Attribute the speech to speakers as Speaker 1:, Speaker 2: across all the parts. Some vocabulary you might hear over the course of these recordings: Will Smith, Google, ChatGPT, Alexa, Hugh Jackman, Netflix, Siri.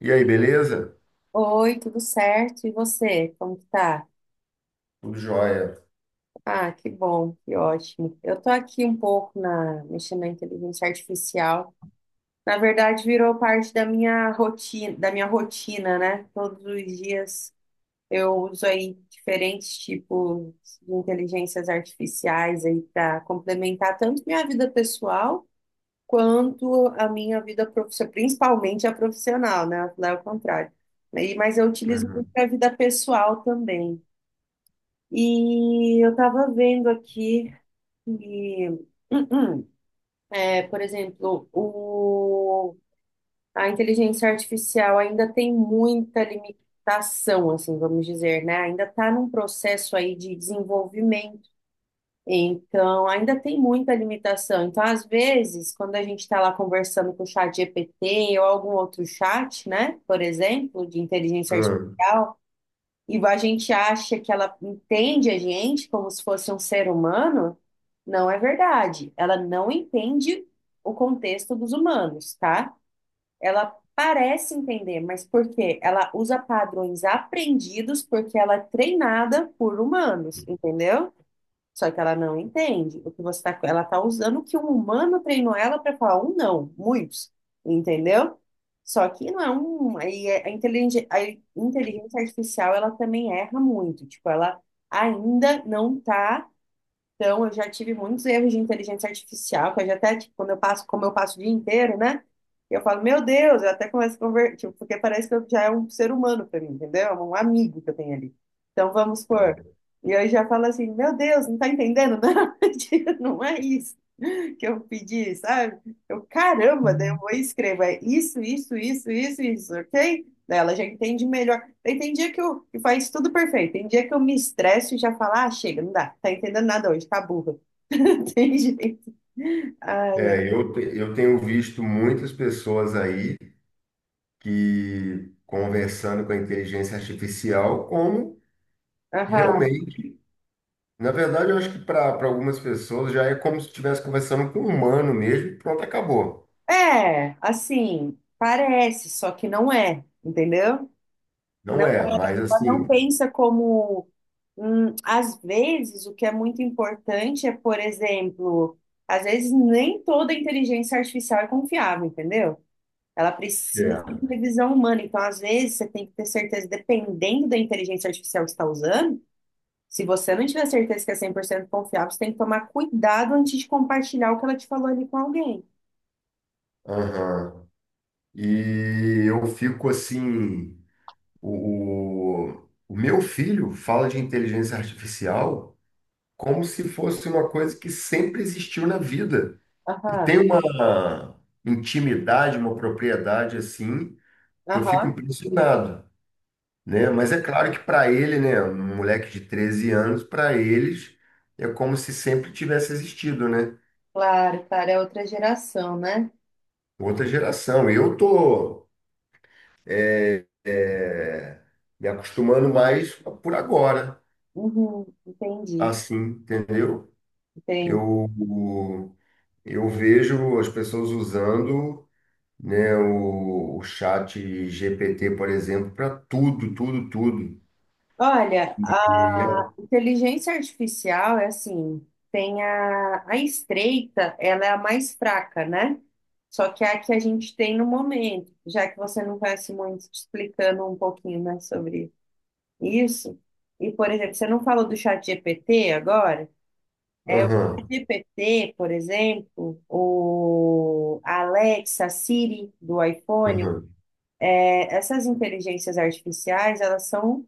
Speaker 1: E aí, beleza?
Speaker 2: Oi, tudo certo? E você, como que tá?
Speaker 1: Tudo jóia.
Speaker 2: Ah, que bom, que ótimo. Eu tô aqui um pouco na, mexendo na inteligência artificial. Na verdade, virou parte da minha rotina, né? Todos os dias eu uso aí diferentes tipos de inteligências artificiais aí para complementar tanto minha vida pessoal quanto a minha vida profissional, principalmente a profissional, né? Lá é o contrário. Mas eu utilizo muito
Speaker 1: Uhum.
Speaker 2: para a vida pessoal também. E eu estava vendo aqui que, é, por exemplo, a inteligência artificial ainda tem muita limitação, assim, vamos dizer, né? Ainda está num processo aí de desenvolvimento. Então, ainda tem muita limitação. Então, às vezes, quando a gente está lá conversando com o chat GPT ou algum outro chat, né? Por exemplo, de inteligência
Speaker 1: Uhum.
Speaker 2: artificial, e a gente acha que ela entende a gente como se fosse um ser humano, não é verdade. Ela não entende o contexto dos humanos, tá? Ela parece entender, mas por quê? Ela usa padrões aprendidos porque ela é treinada por humanos, entendeu? Só que ela não entende o que você tá, ela tá usando o que um humano treinou ela para falar um não, muitos, entendeu? Só que não é um, a inteligência artificial ela também erra muito, tipo, ela ainda não tá então, eu já tive muitos erros de inteligência artificial, que eu já até, tipo, quando eu passo, como eu passo o dia inteiro, né? Eu falo, meu Deus, eu até começo a conversar, tipo, porque parece que eu já é um ser humano para mim, entendeu? É um amigo que eu tenho ali. Então, vamos supor. E eu já falo assim, meu Deus, não tá entendendo, não? Tipo, não é isso que eu pedi, sabe? Eu, caramba, daí eu vou e escrevo, é isso, isso, isso, isso, isso, ok? Daí ela já entende melhor. Tem dia que eu que faz tudo perfeito. Tem dia que eu me estresso e já falo, ah, chega, não dá, tá entendendo nada hoje, tá burra. Tem jeito. Ai, ai.
Speaker 1: É, eu tenho visto muitas pessoas aí que conversando com a inteligência artificial como
Speaker 2: Aham.
Speaker 1: realmente, na verdade, eu acho que para algumas pessoas já é como se estivesse conversando com um humano mesmo, pronto, acabou.
Speaker 2: É, assim, parece, só que não é, entendeu?
Speaker 1: Não
Speaker 2: Não,
Speaker 1: é, mas
Speaker 2: ela não
Speaker 1: assim,
Speaker 2: pensa como. Às vezes, o que é muito importante é, por exemplo, às vezes nem toda inteligência artificial é confiável, entendeu? Ela precisa de
Speaker 1: é.
Speaker 2: revisão humana. Então, às vezes, você tem que ter certeza, dependendo da inteligência artificial que você está usando, se você não tiver certeza que é 100% confiável, você tem que tomar cuidado antes de compartilhar o que ela te falou ali com alguém.
Speaker 1: Uhum. E eu fico assim, o meu filho fala de inteligência artificial, como se fosse uma coisa que sempre existiu na vida. E tem
Speaker 2: Aham,
Speaker 1: uma intimidade, uma propriedade assim, que eu fico
Speaker 2: aham.
Speaker 1: impressionado, né? Mas é claro que para ele, né, um moleque de 13 anos, para eles é como se sempre tivesse existido, né?
Speaker 2: Claro, cara, é outra geração, né?
Speaker 1: Outra geração. Eu tô é, me acostumando mais por agora,
Speaker 2: Uhum, entendi,
Speaker 1: assim, entendeu?
Speaker 2: entendi.
Speaker 1: Eu eu vejo as pessoas usando, né, o chat GPT, por exemplo, para tudo, tudo, tudo.
Speaker 2: Olha,
Speaker 1: E,
Speaker 2: inteligência artificial é assim, tem a estreita, ela é a mais fraca, né? Só que é a que a gente tem no momento, já que você não conhece muito, te explicando um pouquinho, né, sobre isso. E, por exemplo, você não falou do chat GPT agora? É o chat
Speaker 1: aham,
Speaker 2: GPT, por exemplo, o Alexa, Siri do iPhone,
Speaker 1: aham.
Speaker 2: é, essas inteligências artificiais, elas são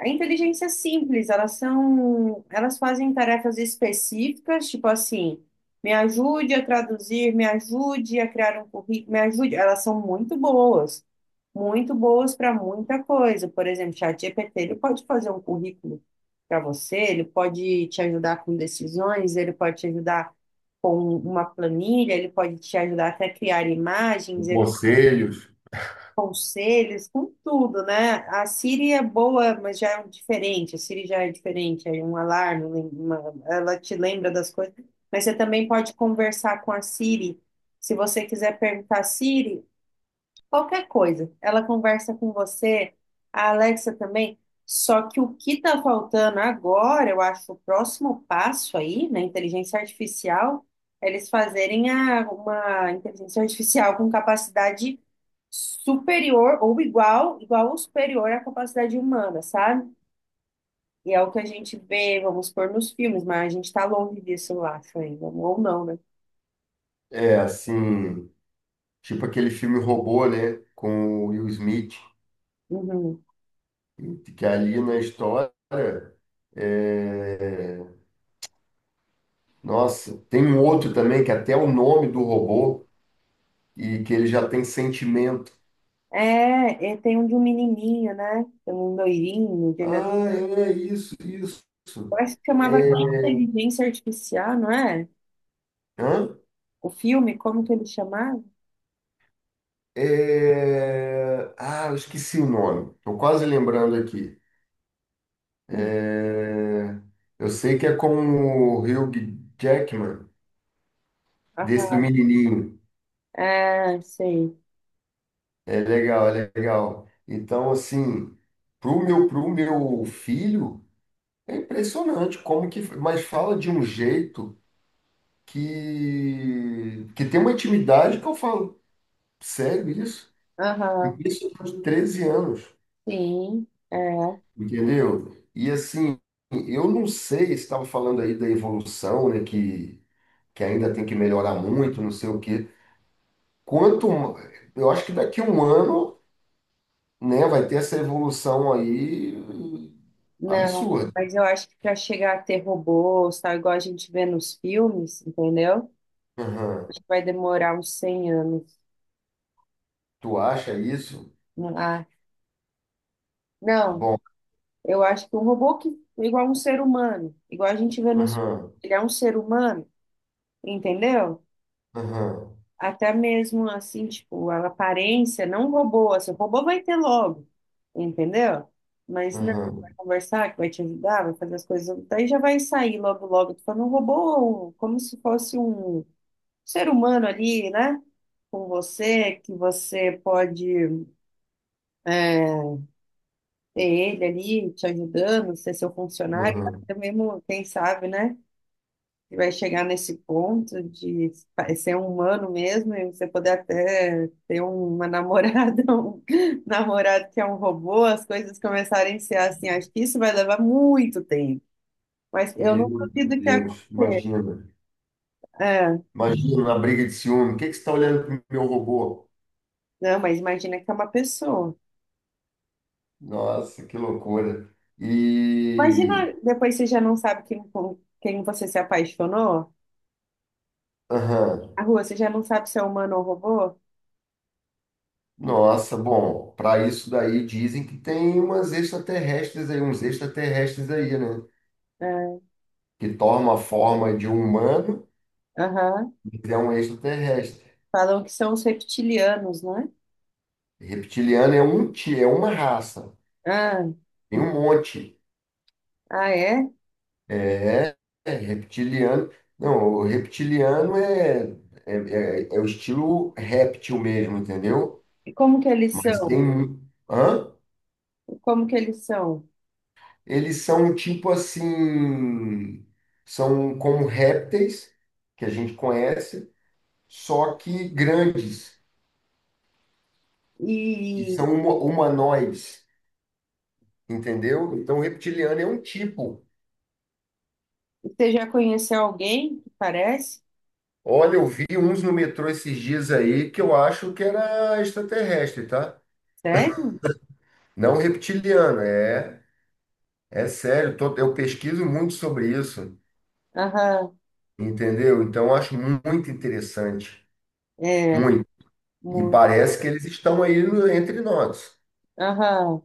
Speaker 2: a inteligência é simples, elas são, elas fazem tarefas específicas, tipo assim, me ajude a traduzir, me ajude a criar um currículo, me ajude. Elas são muito boas para muita coisa. Por exemplo, ChatGPT, ele pode fazer um currículo para você, ele pode te ajudar com decisões, ele pode te ajudar com uma planilha, ele pode te ajudar até criar
Speaker 1: E
Speaker 2: imagens,
Speaker 1: conselhos,
Speaker 2: conselhos, com tudo, né? A Siri é boa, mas já é um diferente. A Siri já é diferente, aí um alarme, ela te lembra das coisas. Mas você também pode conversar com a Siri. Se você quiser perguntar, Siri, qualquer coisa. Ela conversa com você, a Alexa também. Só que o que está faltando agora, eu acho, o próximo passo aí, na inteligência artificial, é eles fazerem uma inteligência artificial com capacidade superior ou igual, igual ou superior à capacidade humana, sabe? E é o que a gente vê, vamos pôr nos filmes, mas a gente está longe disso, eu acho, ainda. Ou não, né?
Speaker 1: é assim, tipo aquele filme Robô, né, com o Will Smith,
Speaker 2: Uhum.
Speaker 1: que ali na história, é, nossa, tem um outro também que até o nome do robô e que ele já tem sentimento.
Speaker 2: É, e tem um de um menininho, né? Tem um loirinho.
Speaker 1: Ah, é isso, isso.
Speaker 2: Eu acho que chamava
Speaker 1: É,
Speaker 2: aquela inteligência artificial, não é?
Speaker 1: hã?
Speaker 2: O filme, como que ele chamava?
Speaker 1: É, ah, eu esqueci o nome. Estou quase lembrando aqui.
Speaker 2: Hum,
Speaker 1: É, eu sei que é com o Hugh Jackman, desse do
Speaker 2: Aham.
Speaker 1: menininho.
Speaker 2: É, sei.
Speaker 1: É legal, é legal. Então, assim, pro meu filho, é impressionante como que... Mas fala de um jeito que tem uma intimidade que eu falo, sério isso?
Speaker 2: Aham,
Speaker 1: Isso de 13 anos.
Speaker 2: sim. É.
Speaker 1: Entendeu? E assim, eu não sei, você estava falando aí da evolução, né, que ainda tem que melhorar muito, não sei o quê. Quanto, eu acho que daqui a um ano, né, vai ter essa evolução aí
Speaker 2: Não,
Speaker 1: absurda.
Speaker 2: mas eu acho que para chegar a ter robôs, tal, igual a gente vê nos filmes, entendeu?
Speaker 1: Aham.
Speaker 2: Acho que vai demorar uns 100 anos.
Speaker 1: Tu acha isso?
Speaker 2: Ah, não,
Speaker 1: Bom,
Speaker 2: eu acho que um robô que é igual um ser humano, igual a gente vê nos,
Speaker 1: aham,
Speaker 2: ele é um ser humano, entendeu?
Speaker 1: aham,
Speaker 2: Até mesmo assim, tipo, a aparência, não o robô, assim, o robô vai ter logo, entendeu? Mas não,
Speaker 1: aham,
Speaker 2: vai conversar, que vai te ajudar, vai fazer as coisas, daí já vai sair logo, logo, tu falando um robô, como se fosse um ser humano ali, né? Com você, que você pode é, ter ele ali te ajudando, ser seu funcionário,
Speaker 1: aham.
Speaker 2: até mesmo, quem sabe, né? E vai chegar nesse ponto de ser um humano mesmo e você poder até ter uma namorada, um namorado que é um robô, as coisas começarem a ser assim. Acho que isso vai levar muito tempo. Mas eu não
Speaker 1: Meu
Speaker 2: duvido que a...
Speaker 1: Deus, imagina.
Speaker 2: É,
Speaker 1: Imagina uma briga de ciúme. O que que você está olhando pro meu robô?
Speaker 2: não, mas imagina que é uma pessoa.
Speaker 1: Nossa, que loucura.
Speaker 2: Imagina
Speaker 1: E.
Speaker 2: depois você já não sabe quem, com quem você se apaixonou.
Speaker 1: Aham.
Speaker 2: A rua, você já não sabe se é humano ou robô?
Speaker 1: Nossa, bom, para isso daí dizem que tem umas extraterrestres aí, uns extraterrestres aí, né?
Speaker 2: É,
Speaker 1: Que toma a forma de um humano,
Speaker 2: aham.
Speaker 1: mas é um extraterrestre.
Speaker 2: Falam que são os reptilianos, não é?
Speaker 1: Reptiliano é um ti, é uma raça,
Speaker 2: Ah,
Speaker 1: tem um monte.
Speaker 2: ah, é?
Speaker 1: É, é reptiliano. Não, o reptiliano é, é o estilo réptil mesmo, entendeu?
Speaker 2: E como que eles
Speaker 1: Mas tem. Hã?
Speaker 2: Como que eles são?
Speaker 1: Eles são tipo assim. São como répteis que a gente conhece, só que grandes e
Speaker 2: E
Speaker 1: são humanoides, entendeu? Então, reptiliano é um tipo.
Speaker 2: você já conheceu alguém que parece?
Speaker 1: Olha, eu vi uns no metrô esses dias aí que eu acho que era extraterrestre, tá?
Speaker 2: Sério?
Speaker 1: Não reptiliano, é, é sério, eu pesquiso muito sobre isso,
Speaker 2: Aham,
Speaker 1: entendeu? Então, eu acho muito interessante,
Speaker 2: é.
Speaker 1: muito. E
Speaker 2: mu-
Speaker 1: parece que eles estão aí entre nós.
Speaker 2: Aham,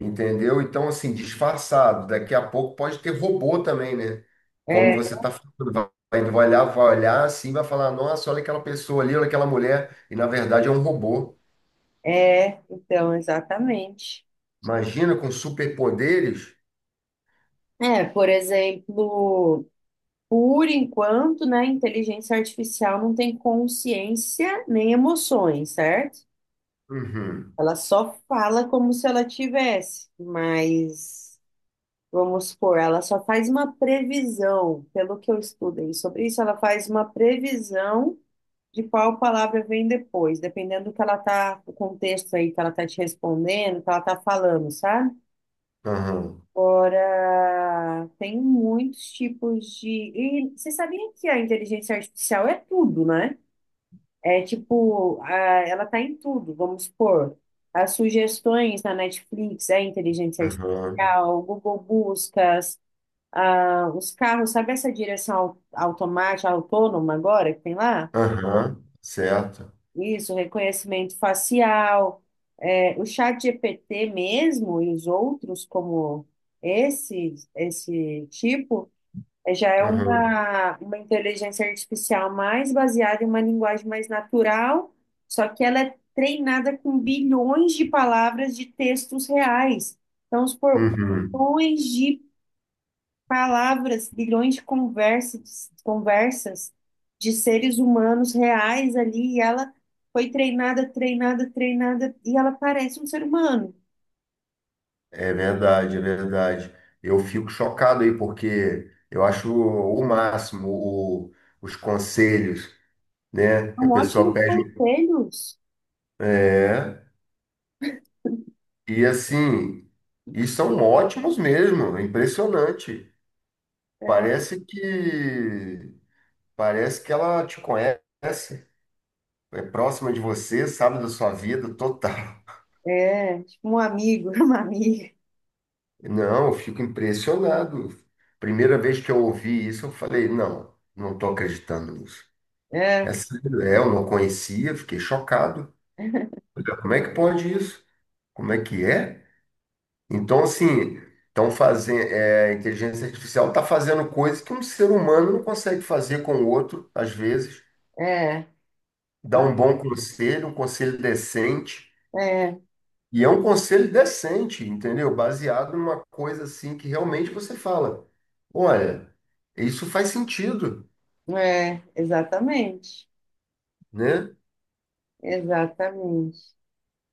Speaker 1: Entendeu? Então, assim, disfarçado. Daqui a pouco pode ter robô também, né? Como
Speaker 2: é,
Speaker 1: você está falando, vai, vai olhar assim, vai falar, nossa, olha aquela pessoa ali, olha aquela mulher. E na verdade é um robô.
Speaker 2: é. Então, exatamente.
Speaker 1: Imagina com superpoderes.
Speaker 2: É, por exemplo, por enquanto, né, a inteligência artificial não tem consciência nem emoções, certo?
Speaker 1: Uhum,
Speaker 2: Ela só fala como se ela tivesse, mas vamos supor, ela só faz uma previsão, pelo que eu estudei sobre isso, ela faz uma previsão de qual palavra vem depois, dependendo do que ela tá, o contexto aí que ela tá te respondendo, que ela tá falando, sabe?
Speaker 1: uhum,
Speaker 2: Agora, tem muitos tipos de. E você sabia que a inteligência artificial é tudo, né? É tipo, ela tá em tudo, vamos supor. As sugestões na Netflix é inteligência
Speaker 1: uhum,
Speaker 2: artificial, o Google Buscas, ah, os carros, sabe essa direção automática, autônoma agora que tem lá?
Speaker 1: uhum, certo.
Speaker 2: Isso, reconhecimento facial, é, o chat GPT mesmo e os outros como esse tipo, é, já é
Speaker 1: Uhum,
Speaker 2: uma inteligência artificial mais baseada em uma linguagem mais natural, só que ela é treinada com bilhões de palavras de textos reais. Então,
Speaker 1: uhum.
Speaker 2: bilhões de palavras, bilhões de conversas, conversas de seres humanos reais ali, e ela foi treinada, treinada, treinada, e ela parece um ser humano.
Speaker 1: É verdade, é verdade. Eu fico chocado aí, porque eu acho o máximo os conselhos, né? Que a
Speaker 2: São
Speaker 1: pessoa
Speaker 2: ótimos
Speaker 1: pede.
Speaker 2: conselhos.
Speaker 1: É. E assim, e são ótimos mesmo, é impressionante. Parece que parece que ela te conhece, é próxima de você, sabe da sua vida total.
Speaker 2: É, tipo um amigo, uma amiga.
Speaker 1: Não, eu fico impressionado. Primeira vez que eu ouvi isso, eu falei, não, não estou acreditando nisso. É
Speaker 2: É,
Speaker 1: sério, é, eu não conhecia, fiquei chocado. Olha, como é que pode isso? Como é que é? Então, assim, estão fazendo, é, a inteligência artificial está fazendo coisas que um ser humano não consegue fazer com o outro, às vezes.
Speaker 2: é,
Speaker 1: Dá um bom conselho, um conselho decente.
Speaker 2: é,
Speaker 1: E é um conselho decente, entendeu? Baseado numa coisa assim que realmente você fala. Olha, isso faz sentido,
Speaker 2: é, exatamente,
Speaker 1: né?
Speaker 2: exatamente.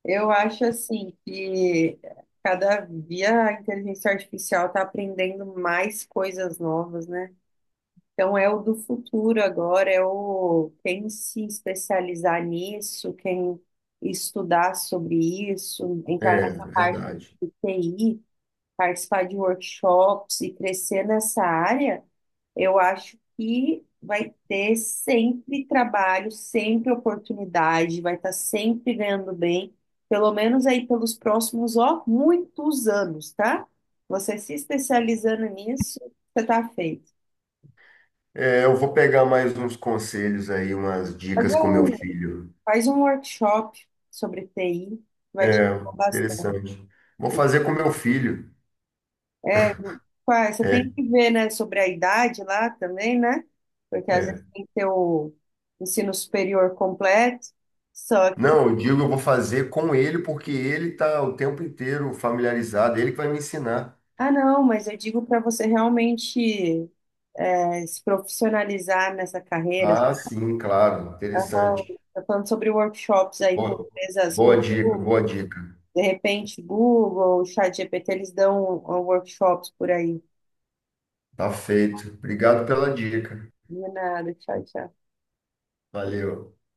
Speaker 2: Eu acho assim que cada dia a inteligência artificial está aprendendo mais coisas novas, né? Então, é o do futuro agora, é o quem se especializar nisso, quem estudar sobre isso, entrar
Speaker 1: É,
Speaker 2: nessa parte
Speaker 1: verdade.
Speaker 2: de TI, participar de workshops e crescer nessa área, eu acho que vai ter sempre trabalho, sempre oportunidade, vai estar sempre ganhando bem, pelo menos aí pelos próximos, ó, muitos anos, tá? Você se especializando nisso, você tá feito.
Speaker 1: É, eu vou pegar mais uns conselhos aí, umas
Speaker 2: Mas, é,
Speaker 1: dicas com meu filho.
Speaker 2: faz um workshop sobre TI, vai te
Speaker 1: É,
Speaker 2: ajudar bastante.
Speaker 1: interessante. Vou fazer com meu filho.
Speaker 2: Ué, você tem
Speaker 1: É,
Speaker 2: que ver, né, sobre a idade lá também, né? Porque às vezes
Speaker 1: é.
Speaker 2: tem que ter o ensino superior completo. Só que,
Speaker 1: Não, eu digo, eu vou fazer com ele porque ele está o tempo inteiro familiarizado, ele que vai me ensinar.
Speaker 2: ah, não, mas eu digo para você realmente é, se profissionalizar nessa carreira.
Speaker 1: Ah, sim, claro, interessante.
Speaker 2: Tá falando sobre workshops aí com
Speaker 1: Boa,
Speaker 2: empresas,
Speaker 1: boa
Speaker 2: com
Speaker 1: dica,
Speaker 2: Google,
Speaker 1: boa dica.
Speaker 2: de repente Google, ChatGPT, eles dão workshops por aí.
Speaker 1: Tá feito. Obrigado pela dica.
Speaker 2: De nada, tchau, tchau.
Speaker 1: Valeu.